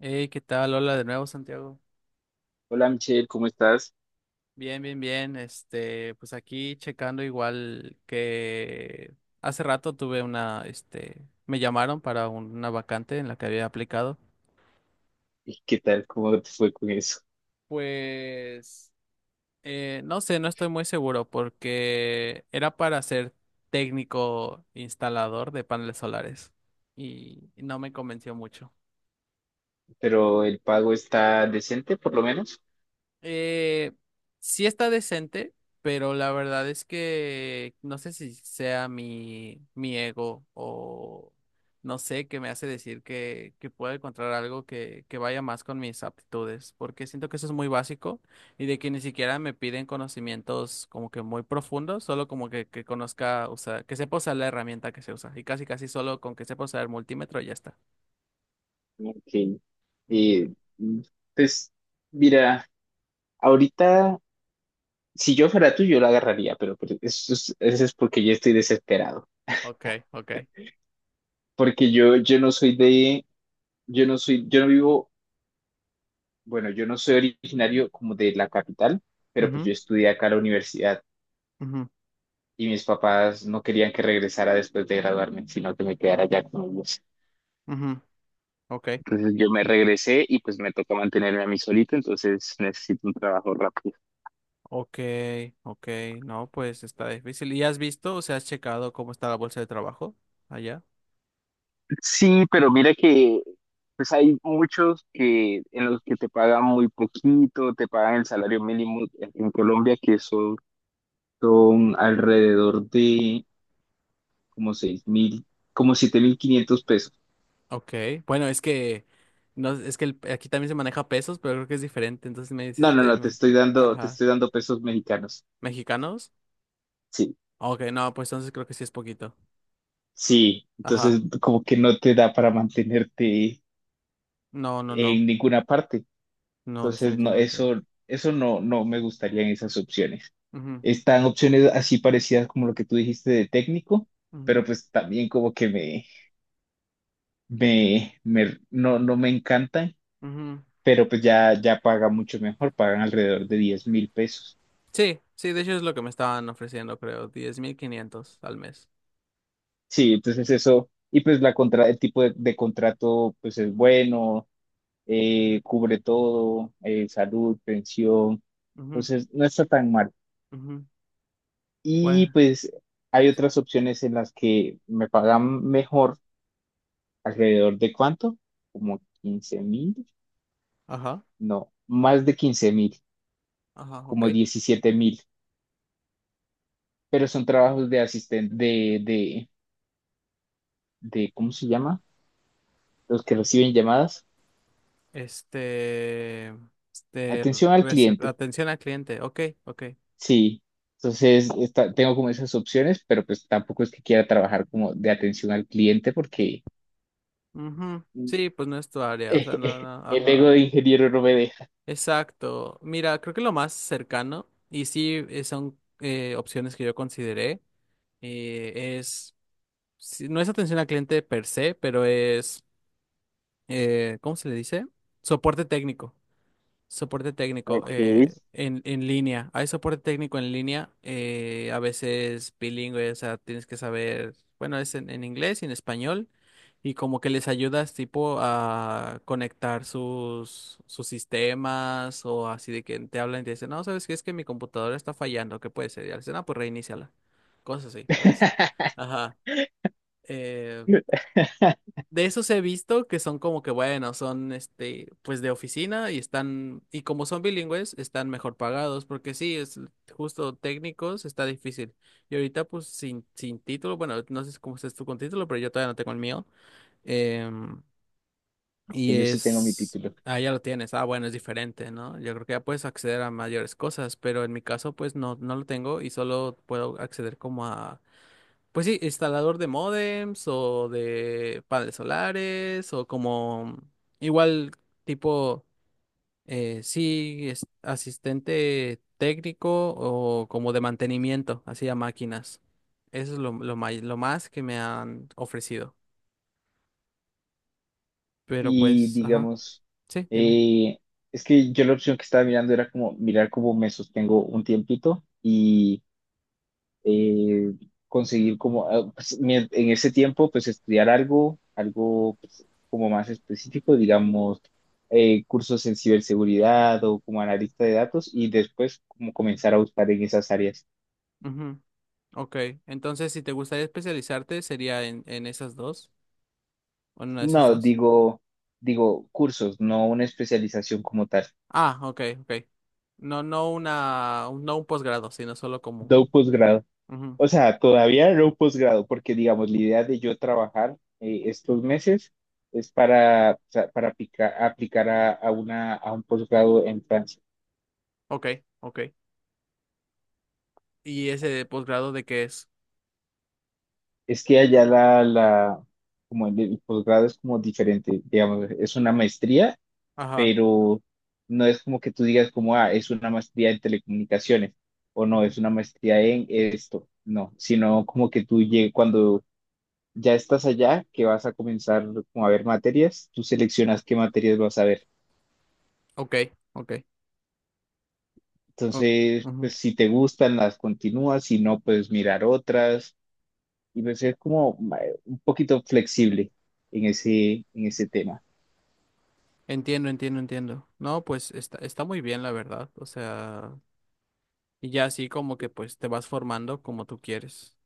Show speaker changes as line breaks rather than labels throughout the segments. Hey, ¿qué tal? Hola de nuevo, Santiago.
Hola Michelle, ¿cómo estás?
Bien, bien, bien. Pues aquí checando igual que hace rato tuve una, me llamaron para una vacante en la que había aplicado.
¿Y qué tal? ¿Cómo te fue con eso?
Pues, no sé, no estoy muy seguro porque era para ser técnico instalador de paneles solares y no me convenció mucho.
Pero el pago está decente, por lo menos.
Eh, sí está decente, pero la verdad es que no sé si sea mi ego o no sé qué me hace decir que pueda encontrar algo que vaya más con mis aptitudes, porque siento que eso es muy básico y de que ni siquiera me piden conocimientos como que muy profundos, solo como que conozca, o sea, que sepa usar la herramienta que se usa y casi casi solo con que sepa usar el multímetro ya está.
Ok.
Ujú.
Eh, mm, pues mira, ahorita, si yo fuera tú, yo lo agarraría, pero eso es porque yo estoy desesperado.
Ok, ok.
Porque yo no vivo, bueno, yo no soy originario como de la capital, pero pues
Ujú,
yo estudié acá en la universidad
ujú,
y mis papás no querían que regresara después de graduarme, sino que me quedara allá con ellos.
ujú, ok.
Entonces yo me regresé y pues me toca mantenerme a mí solito, entonces necesito un trabajo rápido.
Ok, ok, no, pues está difícil. ¿Y has visto, o sea, has checado cómo está la bolsa de trabajo allá?
Sí, pero mira que pues hay muchos que en los que te pagan muy poquito, te pagan el salario mínimo en Colombia, que son alrededor de como 6.000, como 7.500 pesos.
Ok, bueno, es que no, es que el- aquí también se maneja pesos, pero creo que es diferente. Entonces me dices
No,
si
no,
te
no, te
me-
estoy dando, te
ajá,
estoy dando pesos mexicanos.
mexicanos.
Sí,
Ok, no, pues entonces creo que sí es poquito.
sí.
Ajá,
Entonces como que no te da para mantenerte
no, no, no,
en ninguna parte.
no,
Entonces, no,
definitivamente no.
eso no, no me gustarían esas opciones.
Ujú,
Están opciones así parecidas como lo que tú dijiste de técnico, pero pues también como que no, no me encantan,
ujú, ujú.
pero pues ya paga mucho mejor, pagan alrededor de 10.000 pesos.
Sí, sí, de hecho es lo que me estaban ofreciendo, creo, 10,500 al mes.
Sí, entonces eso, y pues la contra, el tipo de contrato pues es bueno, cubre todo, salud, pensión,
Ujú,
entonces no está tan mal.
ujú.
Y
Bueno,
pues hay otras opciones en las que me pagan mejor, alrededor de cuánto, como 15.000,
ajá,
no, más de 15.000,
ajá, ok.
como 17.000, pero son trabajos de asistente, ¿cómo se llama? Los que reciben llamadas.
Este, este,
Atención al
recep-
cliente,
atención al cliente. Ok, ok.
sí. Entonces, tengo como esas opciones, pero pues tampoco es que quiera trabajar como de atención al cliente porque
Ujú.
mm,
Sí, pues no es tu área, o sea, no, no,
el ego
ajá.
de ingeniero no me deja.
Exacto. Mira, creo que lo más cercano, y sí son opciones que yo consideré, es sí, no es atención al cliente per se, pero es, ¿cómo se le dice? Soporte técnico. Soporte técnico
Ok.
en línea. Hay soporte técnico en línea, a veces bilingüe, o sea, tienes que saber, bueno, es en inglés y en español, y como que les ayudas tipo a conectar sus sistemas o así de que te hablan y te dicen, no, ¿sabes qué? Es que mi computadora está fallando, ¿qué puede ser? Y al dicen, ah, pues reiníciala. Cosas así, ¿sabes? Ajá. eh, de esos he visto que son como que, bueno, son este, pues de oficina y están, y como son bilingües, están mejor pagados, porque sí, es justo técnicos, está difícil. Y ahorita, pues, sin título, bueno, no sé cómo estás tú con título, pero yo todavía no tengo el mío. em, y
Yo sí tengo mi
es,
título.
ah, ya lo tienes, ah, bueno, es diferente, ¿no? Yo creo que ya puedes acceder a mayores cosas, pero en mi caso, pues, no, no lo tengo y solo puedo acceder como a pues sí, instalador de módems o de paneles solares o como igual tipo, sí, es- asistente técnico o como de mantenimiento, así a máquinas. Eso es lo, may- lo más que me han ofrecido. Pero
Y
pues, ajá,
digamos,
sí, dime.
eh, es que yo la opción que estaba mirando era como mirar cómo me sostengo un tiempito y eh, conseguir como, ah, pues, en ese tiempo, pues estudiar algo, algo pues, como más específico, digamos, cursos en ciberseguridad o como analista de datos y después como comenzar a buscar en esas áreas.
Ujú, ok, entonces si te gustaría especializarte sería en esas dos, o en una de esas
No,
dos.
digo cursos, no una especialización como tal,
Ah, ok, ok. No, no una, un- no un posgrado, sino solo
no
como
un posgrado.
ujú.
O sea, todavía era un posgrado, porque digamos, la idea de yo trabajar estos meses es para, o sea, para aplicar a un posgrado en Francia.
Ok, ok. ¿Y ese de posgrado de qué es?
Es que allá como el posgrado es como diferente, digamos, es una maestría,
Ajá.
pero no es como que tú digas como, ah, es una maestría en telecomunicaciones, o no,
Ujú.
es una maestría en esto, no, sino como que tú llegues cuando ya estás allá, que vas a comenzar como a ver materias, tú seleccionas qué materias vas a ver.
Ok, ok. o-
Entonces,
ujú.
pues si te gustan, las continúas, si no, puedes mirar otras. Y pues es como un poquito flexible en ese tema.
Entiendo, entiendo, entiendo. No, pues está, está muy bien, la verdad. O sea, y ya así como que pues te vas formando como tú quieres.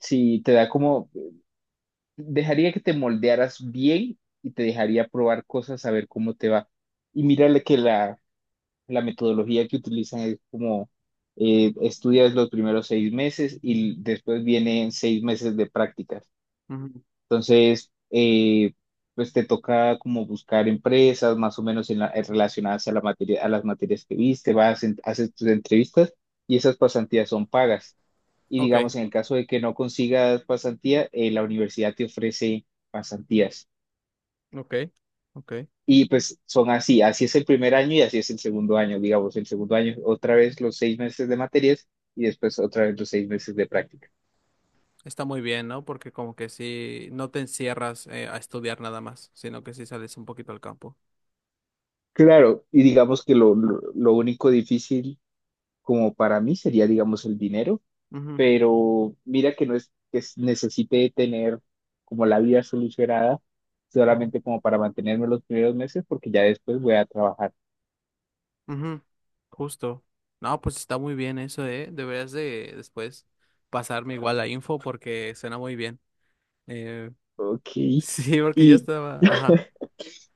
Sí, te da como, dejaría que te moldearas bien y te dejaría probar cosas a ver cómo te va. Y mírale que la metodología que utilizan es como estudias los primeros 6 meses y después vienen 6 meses de prácticas.
Ujú.
Entonces, pues te toca como buscar empresas más o menos en relacionadas a la materia, a las materias que viste, vas, haces tus entrevistas y esas pasantías son pagas. Y
Ok,
digamos, en el caso de que no consigas pasantía, la universidad te ofrece pasantías.
ok, ok.
Y pues son así, así es el primer año y así es el segundo año, digamos, el segundo año otra vez los 6 meses de materias y después otra vez los 6 meses de práctica.
Está muy bien, ¿no? Porque como que sí, no te encierras a estudiar nada más, sino que sí sales un poquito al campo.
Claro, y digamos que lo único difícil como para mí sería, digamos, el dinero,
Ujú,
pero mira que no es que necesite tener como la vida solucionada
ujú.
solamente como para mantenerme los primeros meses porque ya después voy a trabajar.
Ujú, justo. No, pues está muy bien eso, ¿eh? Deberías de después pasarme igual la info porque suena muy bien. Eh,
Ok.
sí, porque yo
Y,
estaba... Ajá.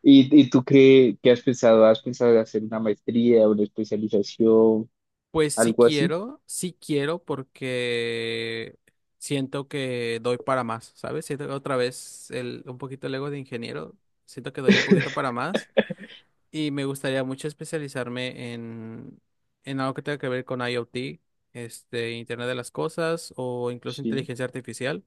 y tú qué, has pensado? ¿Has pensado en hacer una maestría, una especialización,
Pues
algo así?
sí quiero porque siento que doy para más, ¿sabes? Siento que otra vez un poquito el ego de ingeniero, siento que doy un poquito para más y me gustaría mucho especializarme en algo que tenga que ver con IoT, este, Internet de las Cosas o incluso
Sí.
inteligencia artificial.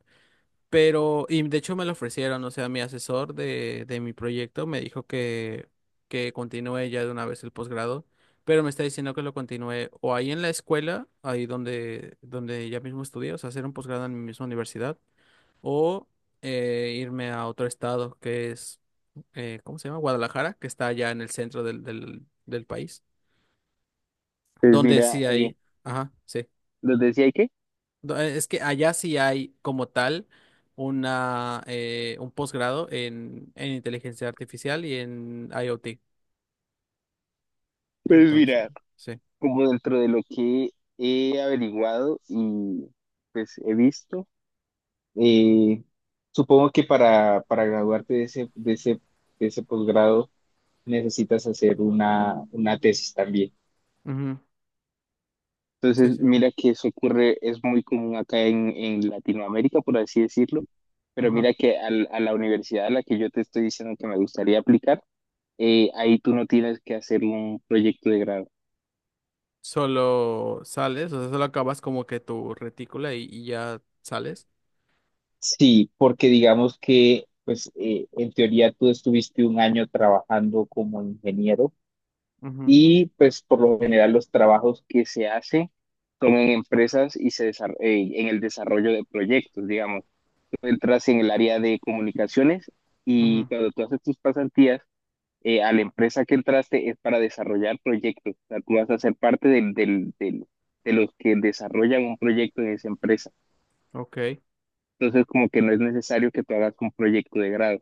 Pero, y de hecho me lo ofrecieron, o sea, mi asesor de mi proyecto me dijo que continúe ya de una vez el posgrado, pero me está diciendo que lo continúe o ahí en la escuela, ahí donde, donde ya mismo estudié, o sea, hacer un posgrado en mi misma universidad, o irme a otro estado que es, ¿cómo se llama? Guadalajara, que está allá en el centro del país,
Pues
donde
mira,
sí hay, ajá, sí.
¿nos decía qué?
No, es que allá sí hay como tal un posgrado en inteligencia artificial y en IoT.
Pues
Entonces,
mira,
sí.
como dentro de lo que he averiguado y pues he visto, y supongo que para graduarte de ese posgrado necesitas hacer una tesis también.
Ujú. Sí,
Entonces,
sí, sí.
mira que eso ocurre, es muy común acá en Latinoamérica, por así decirlo, pero
Ajá.
mira que a la universidad a la que yo te estoy diciendo que me gustaría aplicar, ahí tú no tienes que hacer un proyecto de grado.
Solo sales, o sea, solo acabas como que tu retícula y ya sales.
Sí, porque digamos que, pues, en teoría tú estuviste un año trabajando como ingeniero.
Ujú,
Y pues por lo general los trabajos que se hacen son en empresas y se en el desarrollo de proyectos, digamos. Tú entras en el área de comunicaciones y
ujú.
cuando tú haces tus pasantías, a la empresa que entraste es para desarrollar proyectos. O sea, tú vas a ser parte de los que desarrollan un proyecto en esa empresa.
Ok.
Entonces como que no es necesario que tú hagas un proyecto de grado.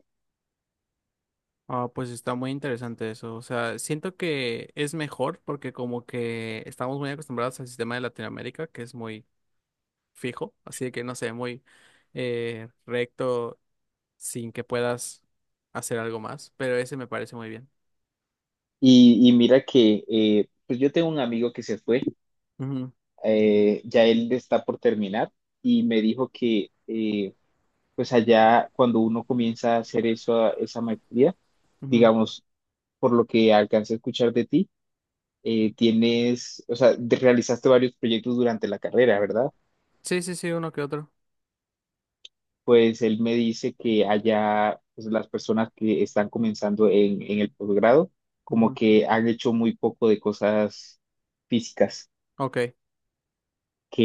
Ah, pues está muy interesante eso. O sea, siento que es mejor porque como que estamos muy acostumbrados al sistema de Latinoamérica, que es muy fijo, así de que no sé, muy recto sin que puedas hacer algo más, pero ese me parece muy bien.
Y mira que pues yo tengo un amigo que se fue
Ujú,
ya él está por terminar y me dijo que pues allá cuando uno comienza a hacer eso, esa maestría,
ujú.
digamos, por lo que alcancé a escuchar de ti, tienes, o sea, realizaste varios proyectos durante la carrera, ¿verdad?
Sí, sí, sí, uno que otro.
Pues él me dice que allá pues, las personas que están comenzando en el posgrado, como
Ujú.
que han hecho muy poco de cosas físicas,
Ok,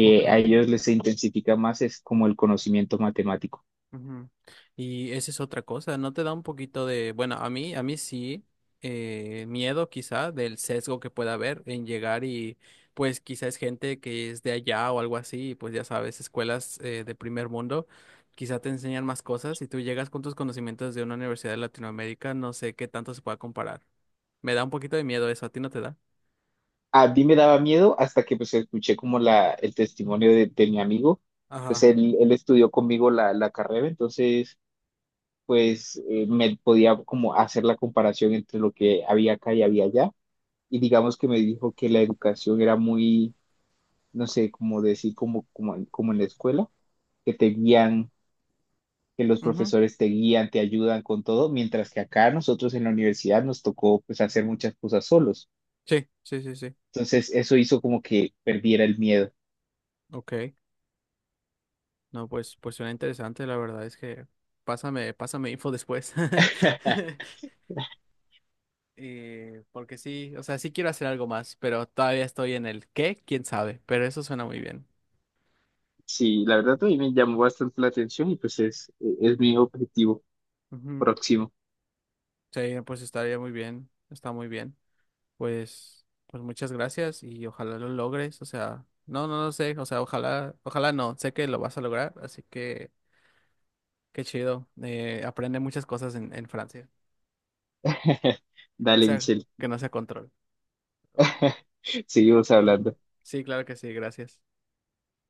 ok.
a ellos les intensifica más es como el conocimiento matemático.
Ujú. Y esa es otra cosa, ¿no te da un poquito de, bueno, a mí sí, miedo quizá del sesgo que pueda haber en llegar y pues quizá es gente que es de allá o algo así, y, pues ya sabes, escuelas de primer mundo, quizá te enseñan más cosas y tú llegas con tus conocimientos de una universidad de Latinoamérica, no sé qué tanto se pueda comparar. Me da un poquito de miedo eso, ¿a ti no te da?
A mí me daba miedo hasta que pues escuché como el testimonio de mi amigo, pues
Ajá.
él estudió conmigo la carrera, entonces pues me podía como hacer la comparación entre lo que había acá y había allá, y digamos que me dijo que la educación era muy, no sé, como decir, como en la escuela, que te guían, que los
Ujú.
profesores te guían, te ayudan con todo, mientras que acá nosotros en la universidad nos tocó pues hacer muchas cosas solos,
Sí, sí, sí, sí.
entonces eso hizo como que perdiera el miedo.
Ok. No, pues, pues suena interesante, la verdad es que pásame, pásame info después. Porque sí, o sea, sí quiero hacer algo más, pero todavía estoy en el qué, quién sabe, pero eso suena muy bien.
Sí, la verdad
Ujú.
a mí me llamó bastante la atención y pues es mi objetivo
Ujú.
próximo.
Sí, pues estaría muy bien, está muy bien. Pues, pues muchas gracias y ojalá lo logres, o sea, no, no, no sé, o sea, ojalá, ojalá no, sé que lo vas a lograr, así que qué chido. Aprende muchas cosas en Francia, que no
Dale,
sea,
Michelle,
que no sea control.
seguimos
Ujú.
hablando.
Sí, claro que sí, gracias.